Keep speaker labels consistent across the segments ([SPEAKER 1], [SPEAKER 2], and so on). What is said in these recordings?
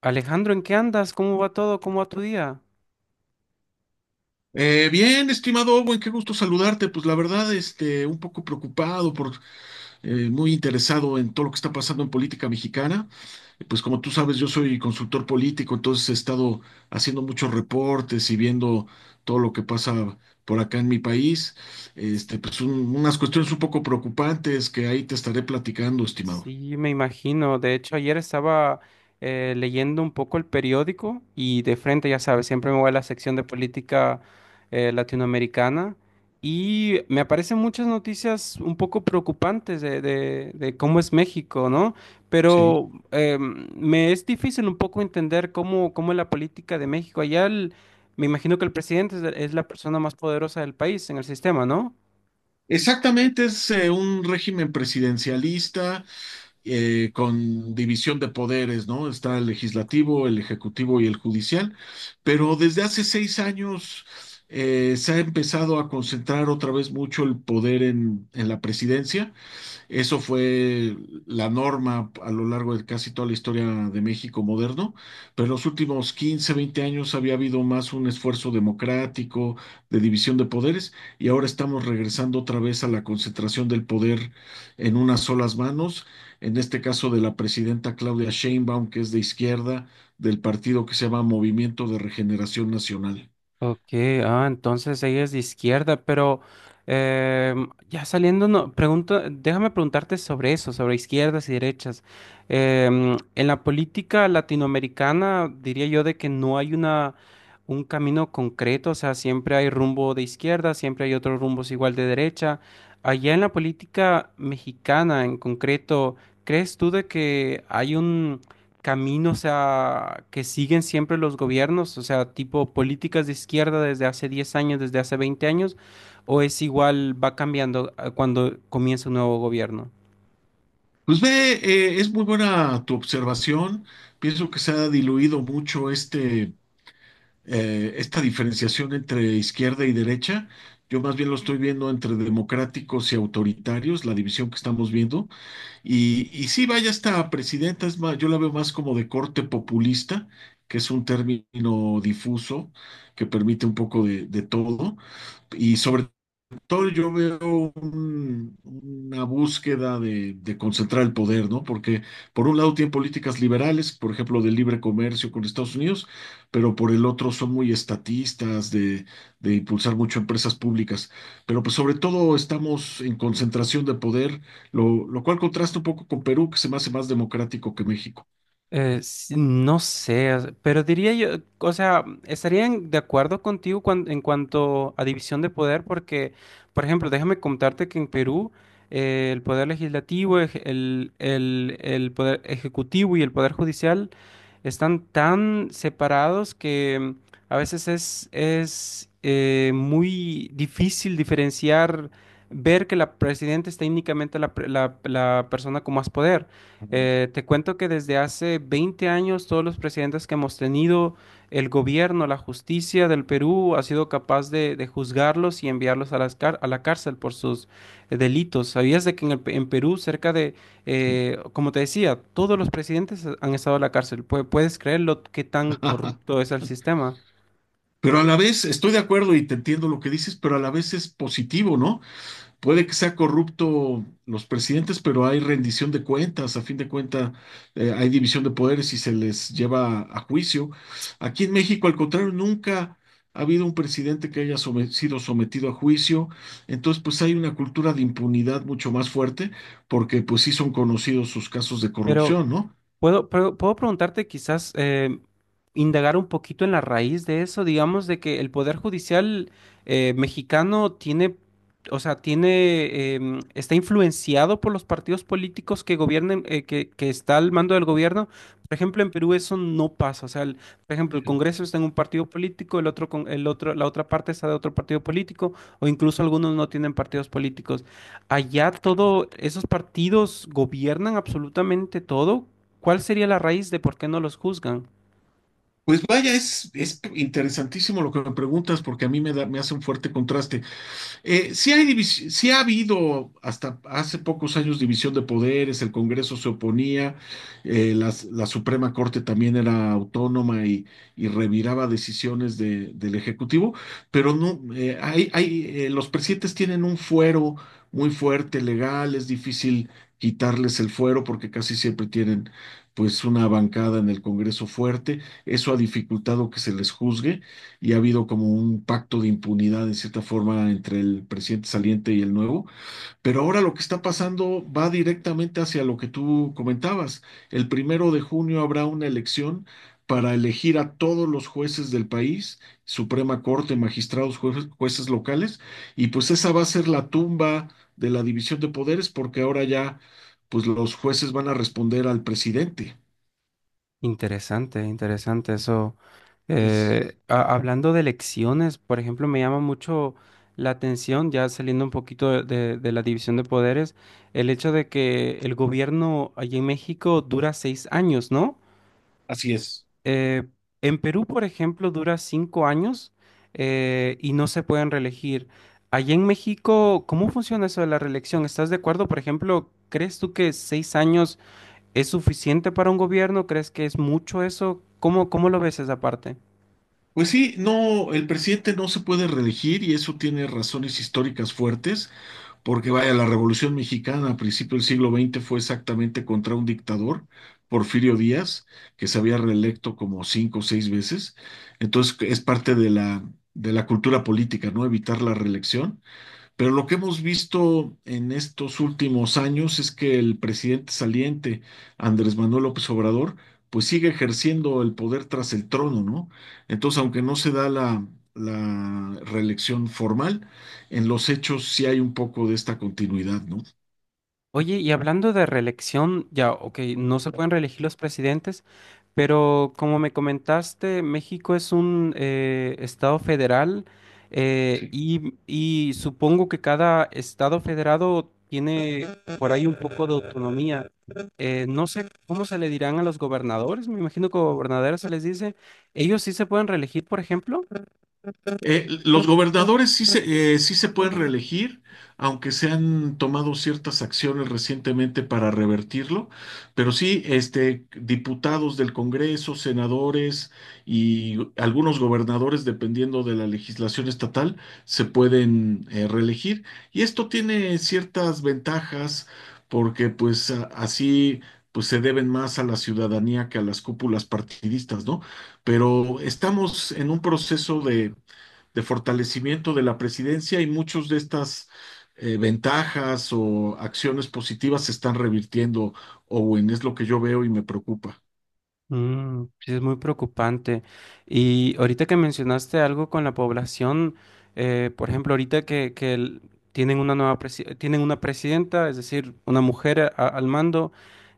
[SPEAKER 1] Alejandro, ¿en qué andas? ¿Cómo va todo? ¿Cómo va tu día?
[SPEAKER 2] Bien, estimado Owen, qué gusto saludarte. Pues la verdad, un poco preocupado muy interesado en todo lo que está pasando en política mexicana. Pues como tú sabes, yo soy consultor político, entonces he estado haciendo muchos reportes y viendo todo lo que pasa por acá en mi país.
[SPEAKER 1] S-
[SPEAKER 2] Pues unas cuestiones un poco preocupantes que ahí te estaré platicando, estimado.
[SPEAKER 1] Sí, me imagino. De hecho, ayer estaba leyendo un poco el periódico y de frente, ya sabes, siempre me voy a la sección de política latinoamericana y me aparecen muchas noticias un poco preocupantes de cómo es México, ¿no?
[SPEAKER 2] Sí,
[SPEAKER 1] Pero me es difícil un poco entender cómo es la política de México. Me imagino que el presidente es la persona más poderosa del país en el sistema, ¿no?
[SPEAKER 2] exactamente, es un régimen presidencialista, con división de poderes, ¿no? Está el legislativo, el ejecutivo y el judicial, pero desde hace 6 años se ha empezado a concentrar otra vez mucho el poder en la presidencia. Eso fue la norma a lo largo de casi toda la historia de México moderno, pero en los últimos 15 20 años había habido más un esfuerzo democrático de división de poderes, y ahora estamos regresando otra vez a la concentración del poder en unas solas manos, en este caso de la presidenta Claudia Sheinbaum, que es de izquierda, del partido que se llama Movimiento de Regeneración Nacional.
[SPEAKER 1] Ok, ah, entonces ella es de izquierda, pero ya saliendo, no, pregunto, déjame preguntarte sobre eso, sobre izquierdas y derechas. En la política latinoamericana diría yo de que no hay un camino concreto, o sea, siempre hay rumbo de izquierda, siempre hay otros rumbos igual de derecha. Allá en la política mexicana en concreto, ¿crees tú de que hay que siguen siempre los gobiernos, o sea, tipo políticas de izquierda desde hace 10 años, desde hace 20 años, o es igual, va cambiando cuando comienza un nuevo gobierno?
[SPEAKER 2] Pues ve, es muy buena tu observación. Pienso que se ha diluido mucho esta diferenciación entre izquierda y derecha. Yo más bien lo estoy viendo entre democráticos y autoritarios, la división que estamos viendo. Y sí, vaya, esta presidenta es más, yo la veo más como de corte populista, que es un término difuso que permite un poco de todo. Y sobre todo yo veo una búsqueda de concentrar el poder, ¿no? Porque por un lado tienen políticas liberales, por ejemplo, de libre comercio con Estados Unidos, pero por el otro son muy estatistas, de impulsar mucho empresas públicas. Pero pues sobre todo estamos en concentración de poder, lo cual contrasta un poco con Perú, que se me hace más democrático que México.
[SPEAKER 1] Sí, no sé, o sea, pero diría yo, o sea, estarían de acuerdo contigo en cuanto a división de poder, porque, por ejemplo, déjame contarte que en Perú el poder legislativo, el poder ejecutivo y el poder judicial están tan separados que a veces es muy difícil diferenciar, ver que la presidenta es técnicamente la, pre- la la persona con más poder. Te cuento que desde hace 20 años todos los presidentes que hemos tenido, el gobierno, la justicia del Perú ha sido capaz de juzgarlos y enviarlos a la cárcel por sus delitos. ¿Sabías de que en Perú cerca de, como te decía, todos los presidentes han estado en la cárcel? ¿Puedes creer lo que tan corrupto es el sistema?
[SPEAKER 2] Pero a la vez estoy de acuerdo y te entiendo lo que dices, pero a la vez es positivo, ¿no? Puede que sea corrupto los presidentes, pero hay rendición de cuentas. A fin de cuentas, hay división de poderes y se les lleva a juicio. Aquí en México, al contrario, nunca ha habido un presidente que haya sido sometido a juicio. Entonces, pues hay una cultura de impunidad mucho más fuerte, porque pues sí son conocidos sus casos de
[SPEAKER 1] Pero
[SPEAKER 2] corrupción, ¿no?
[SPEAKER 1] Puedo preguntarte quizás indagar un poquito en la raíz de eso, digamos, de que el Poder Judicial mexicano tiene, o sea, tiene, está influenciado por los partidos políticos que gobiernen, que está al mando del gobierno. Por ejemplo, en Perú eso no pasa. O sea, por ejemplo, el
[SPEAKER 2] Sí.
[SPEAKER 1] Congreso está en un partido político, el otro, la otra parte está de otro partido político, o incluso algunos no tienen partidos políticos. Allá todo, esos partidos gobiernan absolutamente todo. ¿Cuál sería la raíz de por qué no los juzgan?
[SPEAKER 2] Pues vaya, es interesantísimo lo que me preguntas porque a mí me da, me hace un fuerte contraste. Sí ha habido hasta hace pocos años división de poderes, el Congreso se oponía, Suprema Corte también era autónoma y reviraba decisiones del Ejecutivo, pero no, los presidentes tienen un fuero muy fuerte, legal, es difícil quitarles el fuero porque casi siempre tienen pues una bancada en el Congreso fuerte, eso ha dificultado que se les juzgue, y ha habido como un pacto de impunidad en cierta forma entre el presidente saliente y el nuevo, pero ahora lo que está pasando va directamente hacia lo que tú comentabas. El primero de junio habrá una elección para elegir a todos los jueces del país, Suprema Corte, magistrados, jueces, jueces locales, y pues esa va a ser la tumba de la división de poderes porque ahora ya pues los jueces van a responder al presidente.
[SPEAKER 1] Interesante, interesante eso.
[SPEAKER 2] Es,
[SPEAKER 1] Hablando de elecciones, por ejemplo, me llama mucho la atención, ya saliendo un poquito de la división de poderes, el hecho de que el gobierno allí en México dura 6 años, ¿no?
[SPEAKER 2] Así es.
[SPEAKER 1] Eh, en Perú, por ejemplo, dura 5 años y no se pueden reelegir. Allí en México, ¿cómo funciona eso de la reelección? ¿Estás de acuerdo? Por ejemplo, ¿crees tú que 6 años es suficiente para un gobierno? ¿Crees que es mucho eso? ¿Cómo lo ves esa parte?
[SPEAKER 2] Pues sí, no, el presidente no se puede reelegir y eso tiene razones históricas fuertes, porque vaya, la Revolución Mexicana a principios del siglo XX fue exactamente contra un dictador, Porfirio Díaz, que se había reelecto como cinco o seis veces. Entonces es parte de la cultura política, ¿no? Evitar la reelección. Pero lo que hemos visto en estos últimos años es que el presidente saliente, Andrés Manuel López Obrador, pues sigue ejerciendo el poder tras el trono, ¿no? Entonces, aunque no se da la reelección formal, en los hechos sí hay un poco de esta continuidad, ¿no?
[SPEAKER 1] Oye, y hablando de reelección, ya, ok, no se pueden reelegir los presidentes, pero como me comentaste, México es un estado federal
[SPEAKER 2] Sí.
[SPEAKER 1] y supongo que cada estado federado tiene por ahí un poco de autonomía. No sé cómo se le dirán a los gobernadores, me imagino que gobernadores se les dice. ¿Ellos sí se pueden reelegir, por ejemplo?
[SPEAKER 2] Los gobernadores sí se pueden reelegir, aunque se han tomado ciertas acciones recientemente para revertirlo, pero sí, diputados del Congreso, senadores y algunos gobernadores, dependiendo de la legislación estatal, se pueden reelegir. Y esto tiene ciertas ventajas porque pues así pues se deben más a la ciudadanía que a las cúpulas partidistas, ¿no? Pero estamos en un proceso de fortalecimiento de la presidencia y muchas de estas ventajas o acciones positivas se están revirtiendo, Owen, es lo que yo veo y me preocupa.
[SPEAKER 1] Mm, sí, es muy preocupante. Y ahorita que mencionaste algo con la población, por ejemplo, ahorita tienen una tienen una presidenta, es decir, una mujer al mando,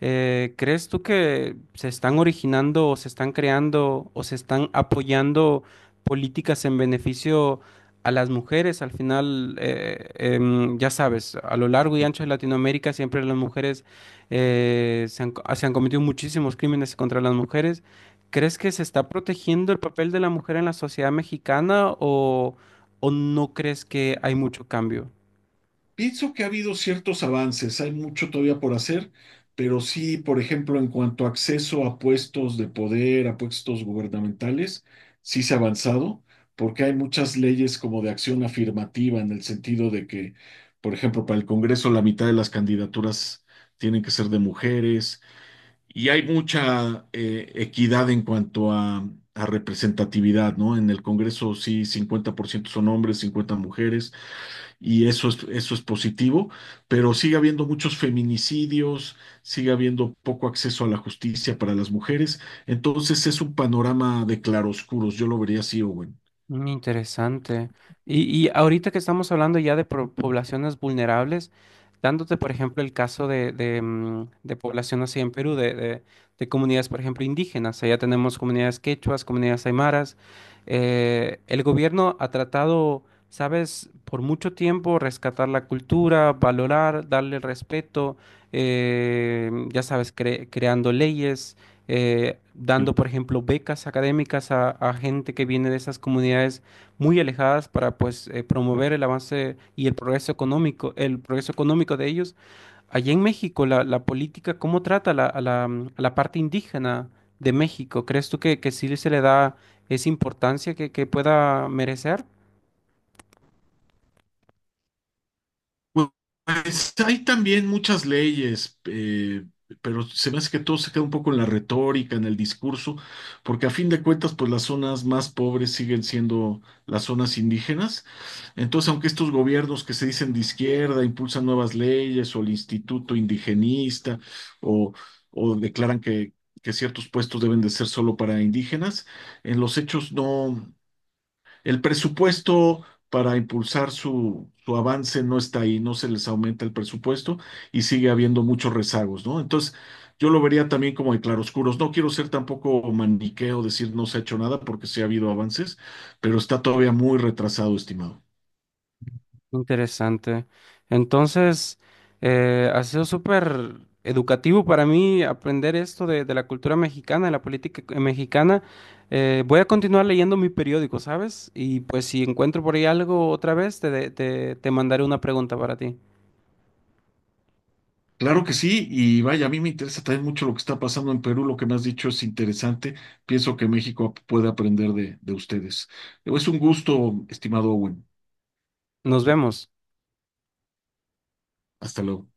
[SPEAKER 1] ¿crees tú que se están originando o se están creando o se están apoyando políticas en beneficio a las mujeres? Al final, ya sabes, a lo largo y
[SPEAKER 2] Sí.
[SPEAKER 1] ancho de Latinoamérica siempre las mujeres se han cometido muchísimos crímenes contra las mujeres. ¿Crees que se está protegiendo el papel de la mujer en la sociedad mexicana o no crees que hay mucho cambio?
[SPEAKER 2] Pienso que ha habido ciertos avances, hay mucho todavía por hacer, pero sí, por ejemplo, en cuanto a acceso a puestos de poder, a puestos gubernamentales, sí se ha avanzado, porque hay muchas leyes como de acción afirmativa en el sentido de que, por ejemplo, para el Congreso la mitad de las candidaturas tienen que ser de mujeres. Y hay mucha equidad en cuanto a representatividad, ¿no? En el Congreso sí, 50% son hombres, 50 mujeres, y eso es positivo, pero sigue habiendo muchos feminicidios, sigue habiendo poco acceso a la justicia para las mujeres, entonces es un panorama de claroscuros, yo lo vería así, Owen.
[SPEAKER 1] Mm, interesante. Y ahorita que estamos hablando ya de poblaciones vulnerables, dándote, por ejemplo, el caso de población así en Perú, de comunidades, por ejemplo, indígenas. Allá tenemos comunidades quechuas, comunidades aymaras. El gobierno ha tratado, sabes, por mucho tiempo rescatar la cultura, valorar, darle respeto, ya sabes, creando leyes dando, por ejemplo, becas académicas a gente que viene de esas comunidades muy alejadas para pues promover el avance y el progreso económico de ellos. Allá en México, la política, ¿cómo trata a la, a la parte indígena de México? ¿Crees tú que sí se le da esa importancia que pueda merecer?
[SPEAKER 2] Sí. Pues hay también muchas leyes, pero se me hace que todo se queda un poco en la retórica, en el discurso, porque a fin de cuentas, pues las zonas más pobres siguen siendo las zonas indígenas. Entonces, aunque estos gobiernos que se dicen de izquierda impulsan nuevas leyes o el Instituto Indigenista o, o declaran que ciertos puestos deben de ser solo para indígenas, en los hechos no. El presupuesto para impulsar su avance no está ahí, no se les aumenta el presupuesto y sigue habiendo muchos rezagos, ¿no? Entonces, yo lo vería también como de claroscuros. No quiero ser tampoco maniqueo, decir no se ha hecho nada porque sí ha habido avances, pero está todavía muy retrasado, estimado.
[SPEAKER 1] Interesante. Entonces, ha sido súper educativo para mí aprender esto de la cultura mexicana, de la política mexicana. Voy a continuar leyendo mi periódico, ¿sabes? Y pues si encuentro por ahí algo otra vez, te, de- te te mandaré una pregunta para ti.
[SPEAKER 2] Claro que sí, y vaya, a mí me interesa también mucho lo que está pasando en Perú, lo que me has dicho es interesante, pienso que México puede aprender de ustedes. Es un gusto, estimado Owen.
[SPEAKER 1] Nos vemos.
[SPEAKER 2] Hasta luego.